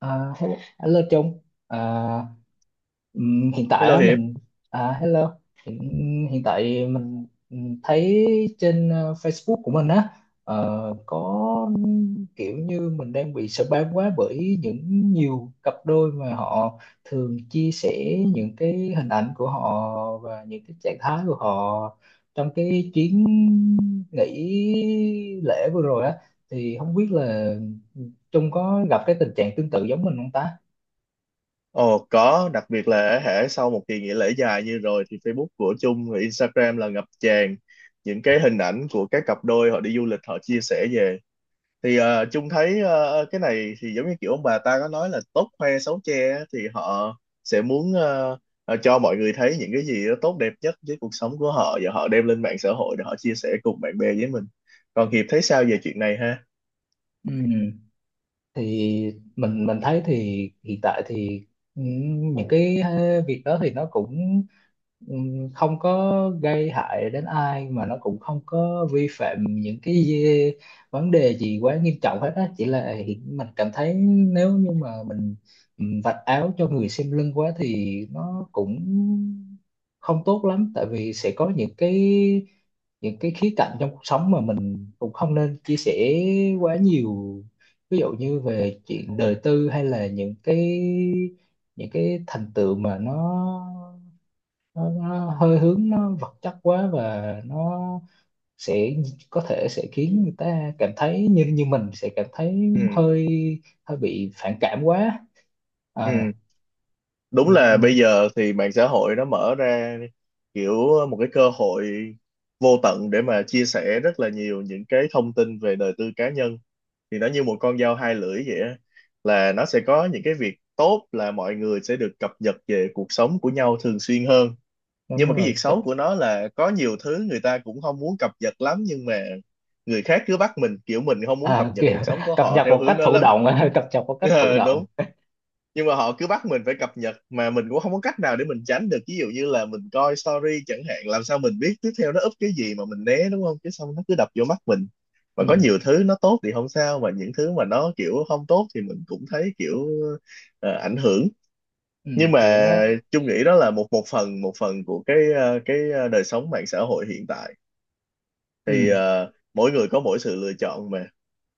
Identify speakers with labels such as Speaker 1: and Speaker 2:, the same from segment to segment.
Speaker 1: Hello, hello Trung à, hiện tại
Speaker 2: Hello
Speaker 1: á,
Speaker 2: Hiệp,
Speaker 1: mình hello hiện, hiện tại mình thấy trên Facebook của mình á, ờ, có kiểu như mình đang bị spam quá bởi những nhiều cặp đôi mà họ thường chia sẻ những cái hình ảnh của họ và những cái trạng thái của họ trong cái chuyến nghỉ lễ vừa rồi á, thì không biết là Trung có gặp cái tình trạng tương tự giống mình không ta.
Speaker 2: ồ có, đặc biệt là hễ sau một kỳ nghỉ lễ dài như rồi thì Facebook của Chung và Instagram là ngập tràn những cái hình ảnh của các cặp đôi họ đi du lịch họ chia sẻ về. Thì Chung thấy cái này thì giống như kiểu ông bà ta có nói là tốt khoe xấu che á, thì họ sẽ muốn cho mọi người thấy những cái gì đó tốt đẹp nhất với cuộc sống của họ và họ đem lên mạng xã hội để họ chia sẻ cùng bạn bè với mình. Còn Hiệp thấy sao về chuyện này ha?
Speaker 1: Ừ. Thì mình thấy thì hiện tại thì ừ, những cái việc đó thì nó cũng ừ, không có gây hại đến ai mà nó cũng không có vi phạm những vấn đề gì quá nghiêm trọng hết á, chỉ là mình cảm thấy nếu như mà mình vạch áo cho người xem lưng quá thì nó cũng không tốt lắm, tại vì sẽ có những cái khía cạnh trong cuộc sống mà mình cũng không nên chia sẻ quá nhiều, ví dụ như về chuyện đời tư hay là những cái thành tựu mà nó hơi hướng nó vật chất quá, và nó sẽ có thể sẽ khiến người ta cảm thấy như như mình sẽ cảm thấy
Speaker 2: Ừ,
Speaker 1: hơi hơi bị phản cảm quá. à,
Speaker 2: ừ. Đúng là bây
Speaker 1: ừm,
Speaker 2: giờ thì mạng xã hội nó mở ra kiểu một cái cơ hội vô tận để mà chia sẻ rất là nhiều những cái thông tin về đời tư cá nhân, thì nó như một con dao hai lưỡi vậy á. Là nó sẽ có những cái việc tốt là mọi người sẽ được cập nhật về cuộc sống của nhau thường xuyên hơn, nhưng mà
Speaker 1: Đúng
Speaker 2: cái
Speaker 1: rồi
Speaker 2: việc
Speaker 1: chắc.
Speaker 2: xấu của nó là có nhiều thứ người ta cũng không muốn cập nhật lắm, nhưng mà người khác cứ bắt mình, kiểu mình không muốn
Speaker 1: À,
Speaker 2: cập nhật
Speaker 1: kiểu
Speaker 2: cuộc sống của
Speaker 1: cập
Speaker 2: họ
Speaker 1: nhật
Speaker 2: theo
Speaker 1: một
Speaker 2: hướng
Speaker 1: cách
Speaker 2: đó
Speaker 1: thụ
Speaker 2: lắm.
Speaker 1: động cập nhật một cách thụ
Speaker 2: Ờ,
Speaker 1: động.
Speaker 2: đúng, nhưng mà họ cứ bắt mình phải cập nhật mà mình cũng không có cách nào để mình tránh được, ví dụ như là mình coi story chẳng hạn, làm sao mình biết tiếp theo nó up cái gì mà mình né đúng không, chứ xong nó cứ đập vô mắt mình. Và có
Speaker 1: Ừm,
Speaker 2: nhiều thứ nó tốt thì không sao, mà những thứ mà nó kiểu không tốt thì mình cũng thấy kiểu ảnh hưởng. Nhưng mà
Speaker 1: Kiểu nó
Speaker 2: chung nghĩ đó là một một phần của cái cái đời sống mạng xã hội hiện tại, thì
Speaker 1: ừm,
Speaker 2: mỗi người có mỗi sự lựa chọn mà,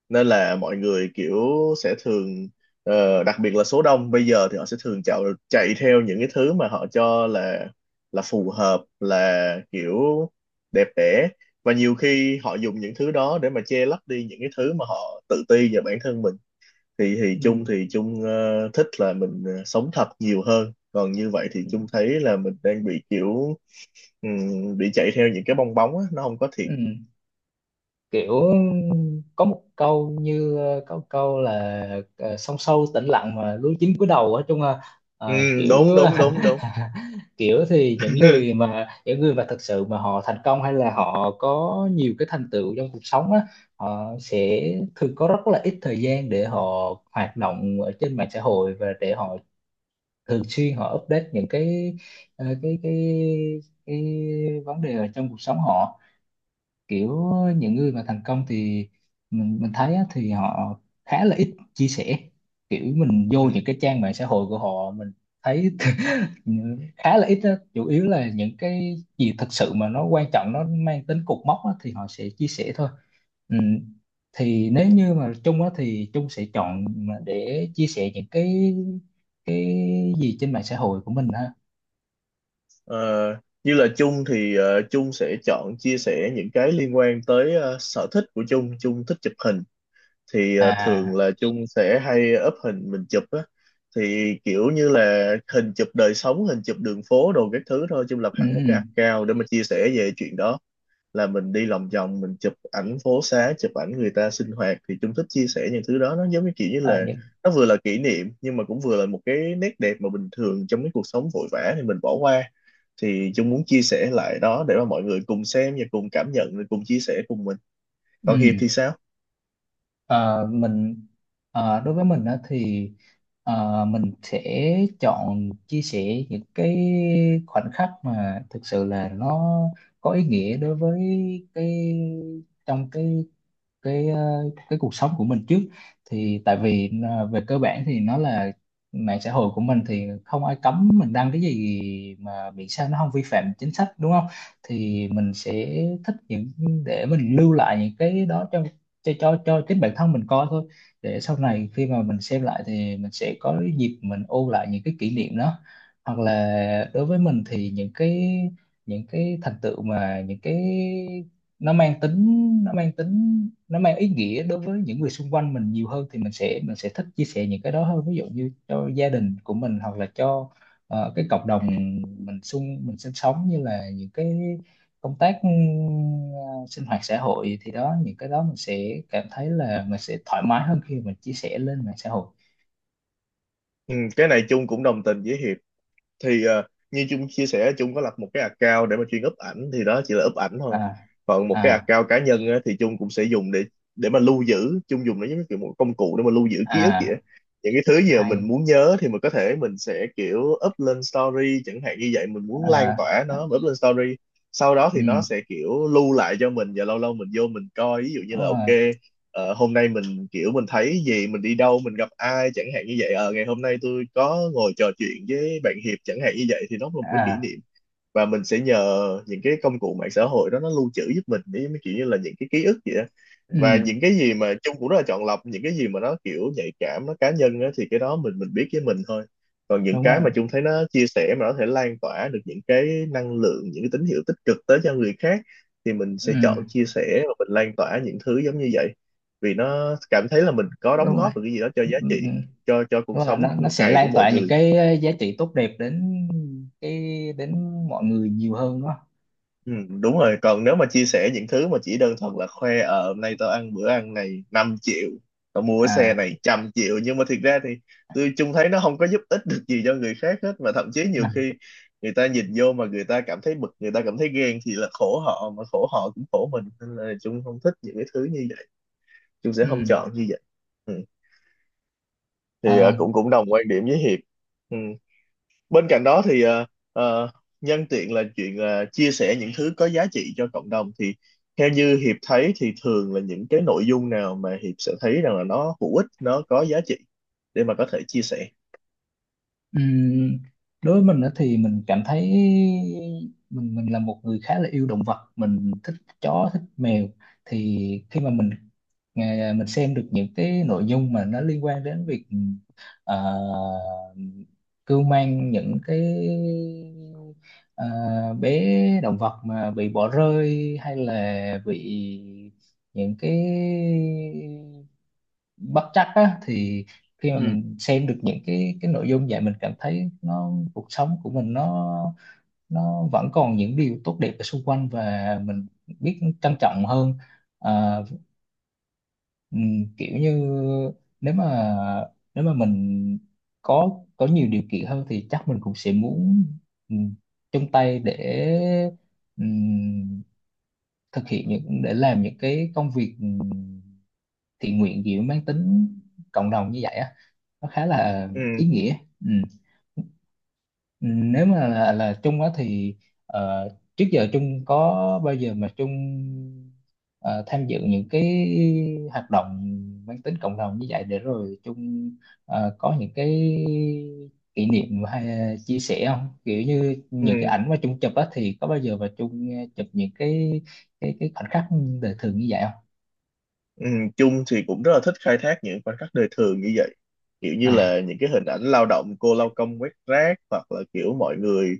Speaker 2: nên là mọi người kiểu sẽ thường đặc biệt là số đông bây giờ thì họ sẽ thường chạy chạy theo những cái thứ mà họ cho là phù hợp, là kiểu đẹp đẽ, và nhiều khi họ dùng những thứ đó để mà che lấp đi những cái thứ mà họ tự ti về bản thân mình. Thì
Speaker 1: ừm,
Speaker 2: Chung, thì Chung thích là mình sống thật nhiều hơn, còn như vậy thì Chung thấy là mình đang bị kiểu bị chạy theo những cái bong bóng á, nó không có thiệt.
Speaker 1: ừm, kiểu có một câu như có một câu là sông sâu tĩnh lặng mà lúa chín cúi đầu á, chung là
Speaker 2: Ừ,
Speaker 1: kiểu
Speaker 2: đúng đúng đúng đúng.
Speaker 1: kiểu thì những người mà thực sự mà họ thành công hay là họ có nhiều cái thành tựu trong cuộc sống á, họ sẽ thường có rất là ít thời gian để họ hoạt động ở trên mạng xã hội và để họ thường xuyên họ update những cái ờ, cái cái cái vấn đề ở trong cuộc sống họ, kiểu những người mà thành công thì mình thấy á, thì họ khá là ít chia sẻ, kiểu mình
Speaker 2: Ừ.
Speaker 1: vô những cái trang mạng xã hội của họ mình thấy khá là ít á. Chủ yếu là những cái gì thật sự mà nó quan trọng nó mang tính cột mốc á, thì họ sẽ chia sẻ thôi. Ừ. Thì nếu như mà Trung á, thì Trung sẽ chọn mà để chia sẻ những cái gì trên mạng xã hội của mình ha?
Speaker 2: Ờ, như là Chung thì Chung sẽ chọn chia sẻ những cái liên quan tới sở thích của Chung. Chung thích chụp hình, thì thường
Speaker 1: À,
Speaker 2: là Chung sẽ hay up hình mình chụp á. Thì kiểu như là hình chụp đời sống, hình chụp đường phố đồ các thứ thôi. Chung lập
Speaker 1: ừ,
Speaker 2: hẳn một
Speaker 1: ừ.
Speaker 2: cái account để mà chia sẻ về chuyện đó. Là mình đi lòng vòng, mình chụp ảnh phố xá, chụp ảnh người ta sinh hoạt. Thì Chung thích chia sẻ những thứ đó. Nó giống như kiểu như
Speaker 1: À,
Speaker 2: là
Speaker 1: những,
Speaker 2: nó vừa là kỷ niệm, nhưng mà cũng vừa là một cái nét đẹp mà bình thường trong cái cuộc sống vội vã thì mình bỏ qua, thì Dung muốn chia sẻ lại đó để mà mọi người cùng xem và cùng cảm nhận rồi cùng chia sẻ cùng mình. Còn Hiệp
Speaker 1: ừ.
Speaker 2: thì sao?
Speaker 1: Ờ, mình đối với mình á thì mình sẽ chọn chia sẻ những cái khoảnh khắc mà thực sự là nó có ý nghĩa đối với cái trong cái ờ, cái cuộc sống của mình trước. Thì tại vì về cơ bản thì nó là mạng xã hội của mình thì không ai cấm mình đăng cái gì mà miễn sao nó không vi phạm chính sách, đúng không? Thì mình sẽ thích những để mình lưu lại những cái đó cho cho chính bản thân mình coi thôi, để sau này khi mà mình xem lại thì mình sẽ có cái dịp mình ôn lại những cái kỷ niệm đó. Hoặc là đối với mình thì những cái thành tựu mà những cái nó mang tính nó mang ý nghĩa đối với những người xung quanh mình nhiều hơn thì mình sẽ thích chia sẻ những cái đó hơn, ví dụ như cho gia đình của mình hoặc là cho cái cộng đồng mình sinh sống, như là những cái công tác sinh hoạt xã hội, thì đó những cái đó mình sẽ cảm thấy là mình sẽ thoải mái hơn khi mình chia sẻ lên mạng xã hội.
Speaker 2: Ừ, cái này Chung cũng đồng tình với Hiệp. Thì như Trung chia sẻ, Trung có lập một cái account để mà chuyên up ảnh, thì đó chỉ là up ảnh thôi.
Speaker 1: À.
Speaker 2: Còn một cái
Speaker 1: À.
Speaker 2: account cá nhân á, thì Trung cũng sẽ dùng để mà lưu giữ, Trung dùng nó giống như kiểu một công cụ để mà lưu giữ ký ức vậy á.
Speaker 1: À
Speaker 2: Những cái thứ gì mà mình
Speaker 1: hay.
Speaker 2: muốn nhớ thì mình có thể mình sẽ kiểu up lên story chẳng hạn, như vậy mình muốn lan
Speaker 1: À,
Speaker 2: tỏa
Speaker 1: à.
Speaker 2: nó mình up lên story, sau đó thì nó
Speaker 1: Ừ,
Speaker 2: sẽ kiểu lưu lại cho mình và lâu lâu mình vô mình coi, ví dụ như
Speaker 1: đúng
Speaker 2: là
Speaker 1: rồi.
Speaker 2: ok, hôm nay mình kiểu mình thấy gì, mình đi đâu, mình gặp ai chẳng hạn, như vậy ngày hôm nay tôi có ngồi trò chuyện với bạn Hiệp chẳng hạn, như vậy thì nó là một cái kỷ
Speaker 1: À,
Speaker 2: niệm, và mình sẽ nhờ những cái công cụ mạng xã hội đó nó lưu trữ giúp mình với mấy kiểu như là những cái ký ức vậy đó.
Speaker 1: ừ,
Speaker 2: Và những cái gì mà Chung cũng rất là chọn lọc, những cái gì mà nó kiểu nhạy cảm nó cá nhân á, thì cái đó mình biết với mình thôi. Còn những
Speaker 1: đúng
Speaker 2: cái
Speaker 1: rồi.
Speaker 2: mà Chung thấy nó chia sẻ mà nó có thể lan tỏa được những cái năng lượng, những cái tín hiệu tích cực tới cho người khác, thì mình sẽ
Speaker 1: Ừ,
Speaker 2: chọn chia sẻ và mình lan tỏa những thứ giống như vậy. Vì nó cảm thấy là mình có đóng
Speaker 1: đúng rồi.
Speaker 2: góp được cái gì đó cho
Speaker 1: Ừ,
Speaker 2: giá
Speaker 1: ừ,
Speaker 2: trị cho cuộc
Speaker 1: ừ. Là
Speaker 2: sống
Speaker 1: nó
Speaker 2: một
Speaker 1: sẽ
Speaker 2: ngày của
Speaker 1: lan
Speaker 2: mọi
Speaker 1: tỏa những
Speaker 2: người.
Speaker 1: cái giá trị tốt đẹp đến cái đến mọi người nhiều hơn đó.
Speaker 2: Ừ, đúng rồi, còn nếu mà chia sẻ những thứ mà chỉ đơn thuần là khoe, ờ hôm nay tao ăn bữa ăn này 5 triệu, tao mua cái xe
Speaker 1: À.
Speaker 2: này 100 triệu, nhưng mà thiệt ra thì tôi chung thấy nó không có giúp ích được gì cho người khác hết, mà thậm chí
Speaker 1: Ừ.
Speaker 2: nhiều
Speaker 1: À.
Speaker 2: khi người ta nhìn vô mà người ta cảm thấy bực, người ta cảm thấy ghen, thì là khổ họ, mà khổ họ cũng khổ mình, nên là chung không thích những cái thứ như vậy. Chung sẽ
Speaker 1: Ừ.
Speaker 2: không chọn như vậy. Ừ. Thì
Speaker 1: À,
Speaker 2: cũng cũng đồng quan điểm với Hiệp. Ừ, bên cạnh đó thì ờ, nhân tiện là chuyện chia sẻ những thứ có giá trị cho cộng đồng, thì theo như Hiệp thấy thì thường là những cái nội dung nào mà Hiệp sẽ thấy rằng là nó hữu ích, nó có giá trị để mà có thể chia sẻ?
Speaker 1: ừ. Đối với mình đó thì mình cảm thấy mình là một người khá là yêu động vật, mình thích chó thích mèo. Thì khi mà mình mình xem được những cái nội dung mà nó liên quan đến việc ờ, cưu mang những cái ờ, bé động vật mà bị bỏ rơi hay là bị những cái bất trắc á, thì khi mà
Speaker 2: Ừ.
Speaker 1: mình xem được những cái nội dung vậy mình cảm thấy nó cuộc sống của mình nó vẫn còn những điều tốt đẹp ở xung quanh và mình biết trân trọng hơn. Ờ. Ừ, kiểu như nếu mà nếu mà mình có nhiều điều kiện hơn thì chắc mình cũng sẽ muốn ừ, chung tay để ừm, thực hiện những để làm những cái công việc thiện nguyện gì mang tính cộng đồng như vậy á, nó khá là
Speaker 2: Ừ,
Speaker 1: ý nghĩa. Ừ. Ừ, nếu mà là Trung á thì ờ, trước giờ Trung có bao giờ mà Trung ờ, tham dự những cái hoạt động mang tính cộng đồng như vậy để rồi Trung có những cái kỷ niệm hay chia sẻ không, kiểu như những cái
Speaker 2: ừ,
Speaker 1: ảnh mà Trung chụp á, thì có bao giờ mà Trung chụp những cái cái khoảnh khắc đời thường như vậy không?
Speaker 2: ừ. Chung thì cũng rất là thích khai thác những khoảnh khắc đời thường như vậy, kiểu như
Speaker 1: À.
Speaker 2: là những cái hình ảnh lao động, cô lao công quét rác, hoặc là kiểu mọi người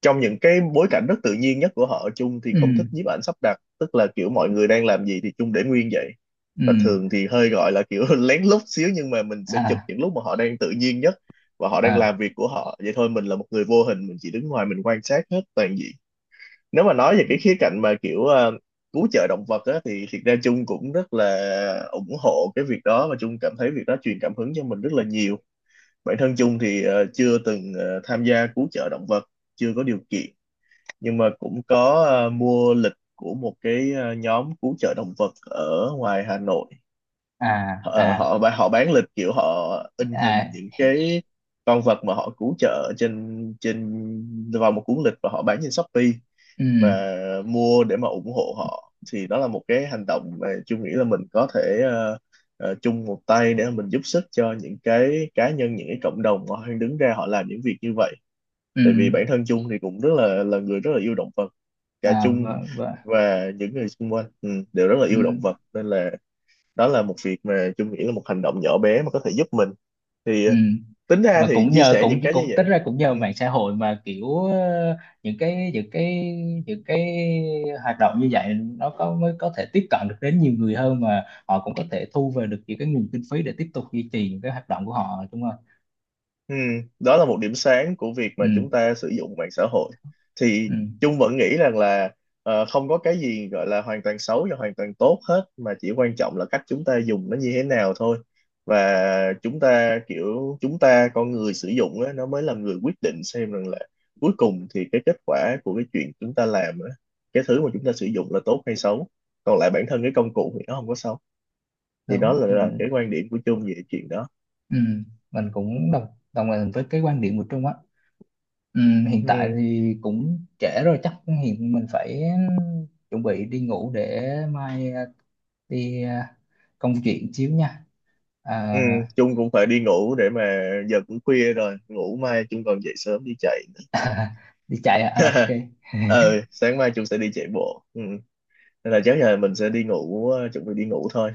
Speaker 2: trong những cái bối cảnh rất tự nhiên nhất của họ. Chung thì
Speaker 1: Ừ.
Speaker 2: không thích nhiếp ảnh sắp đặt, tức là kiểu mọi người đang làm gì thì Chung để nguyên vậy,
Speaker 1: Ừ.
Speaker 2: và thường thì hơi gọi là kiểu lén lút xíu, nhưng mà mình sẽ chụp
Speaker 1: À.
Speaker 2: những lúc mà họ đang tự nhiên nhất và họ đang
Speaker 1: À.
Speaker 2: làm việc của họ vậy thôi. Mình là một người vô hình, mình chỉ đứng ngoài mình quan sát hết toàn diện. Nếu mà nói về cái khía cạnh mà kiểu cứu trợ động vật á, thì thiệt ra Chung cũng rất là ủng hộ cái việc đó, và Chung cảm thấy việc đó truyền cảm hứng cho mình rất là nhiều. Bản thân Chung thì chưa từng tham gia cứu trợ động vật, chưa có điều kiện, nhưng mà cũng có mua lịch của một cái nhóm cứu trợ động vật ở ngoài Hà Nội.
Speaker 1: À.
Speaker 2: Họ
Speaker 1: À.
Speaker 2: họ bán, họ bán lịch kiểu họ in hình
Speaker 1: À.
Speaker 2: những cái con vật mà họ cứu trợ trên trên vào một cuốn lịch và họ bán trên Shopee.
Speaker 1: Ừ.
Speaker 2: Và mua để mà ủng hộ họ, thì đó là một cái hành động mà chung nghĩ là mình có thể chung một tay để mà mình giúp sức cho những cái cá nhân, những cái cộng đồng mà họ đang đứng ra họ làm những việc như vậy.
Speaker 1: Ừ.
Speaker 2: Tại vì bản thân chung thì cũng rất là người rất là yêu động vật, cả
Speaker 1: À,
Speaker 2: chung
Speaker 1: vâng, vâng.
Speaker 2: và những người xung quanh ừ, đều rất là
Speaker 1: Ừ,
Speaker 2: yêu động vật, nên là đó là một việc mà Chung nghĩ là một hành động nhỏ bé mà có thể giúp mình. Thì
Speaker 1: ừ.
Speaker 2: tính ra
Speaker 1: Mà
Speaker 2: thì
Speaker 1: cũng
Speaker 2: chia
Speaker 1: nhờ
Speaker 2: sẻ
Speaker 1: cũng
Speaker 2: những cái như
Speaker 1: cũng tính
Speaker 2: vậy.
Speaker 1: ra cũng nhờ
Speaker 2: Ừ.
Speaker 1: mạng xã hội mà kiểu những cái những cái những cái hoạt động như vậy nó có mới có thể tiếp cận được đến nhiều người hơn, mà họ cũng có thể thu về được những cái nguồn kinh phí để tiếp tục duy trì những cái hoạt động của họ đúng không?
Speaker 2: Ừ, đó là một điểm sáng của việc mà
Speaker 1: Ừ,
Speaker 2: chúng ta sử dụng mạng xã hội. Thì
Speaker 1: ừ,
Speaker 2: Chung vẫn nghĩ rằng là không có cái gì gọi là hoàn toàn xấu và hoàn toàn tốt hết, mà chỉ quan trọng là cách chúng ta dùng nó như thế nào thôi. Và chúng ta kiểu chúng ta con người sử dụng á, nó mới là người quyết định xem rằng là cuối cùng thì cái kết quả của cái chuyện chúng ta làm á, cái thứ mà chúng ta sử dụng là tốt hay xấu. Còn lại bản thân cái công cụ thì nó không có xấu. Thì đó
Speaker 1: đúng.
Speaker 2: là
Speaker 1: Mình
Speaker 2: cái quan điểm của Chung về chuyện đó.
Speaker 1: ừ, mình cũng đồng đồng tình với cái quan điểm của Trung á. Ừ, hiện tại
Speaker 2: Ừ.
Speaker 1: thì cũng trễ rồi chắc hiện mình phải chuẩn bị đi ngủ để mai đi công chuyện xíu nha. Ờ,
Speaker 2: Ừ, Trung cũng phải đi ngủ để mà giờ cũng khuya rồi, ngủ mai chung còn dậy sớm đi chạy nữa.
Speaker 1: đi chạy à? À, ok.
Speaker 2: Ờ sáng mai chung sẽ đi chạy bộ ừ. Nên là chắc là mình sẽ đi ngủ, chuẩn bị đi ngủ thôi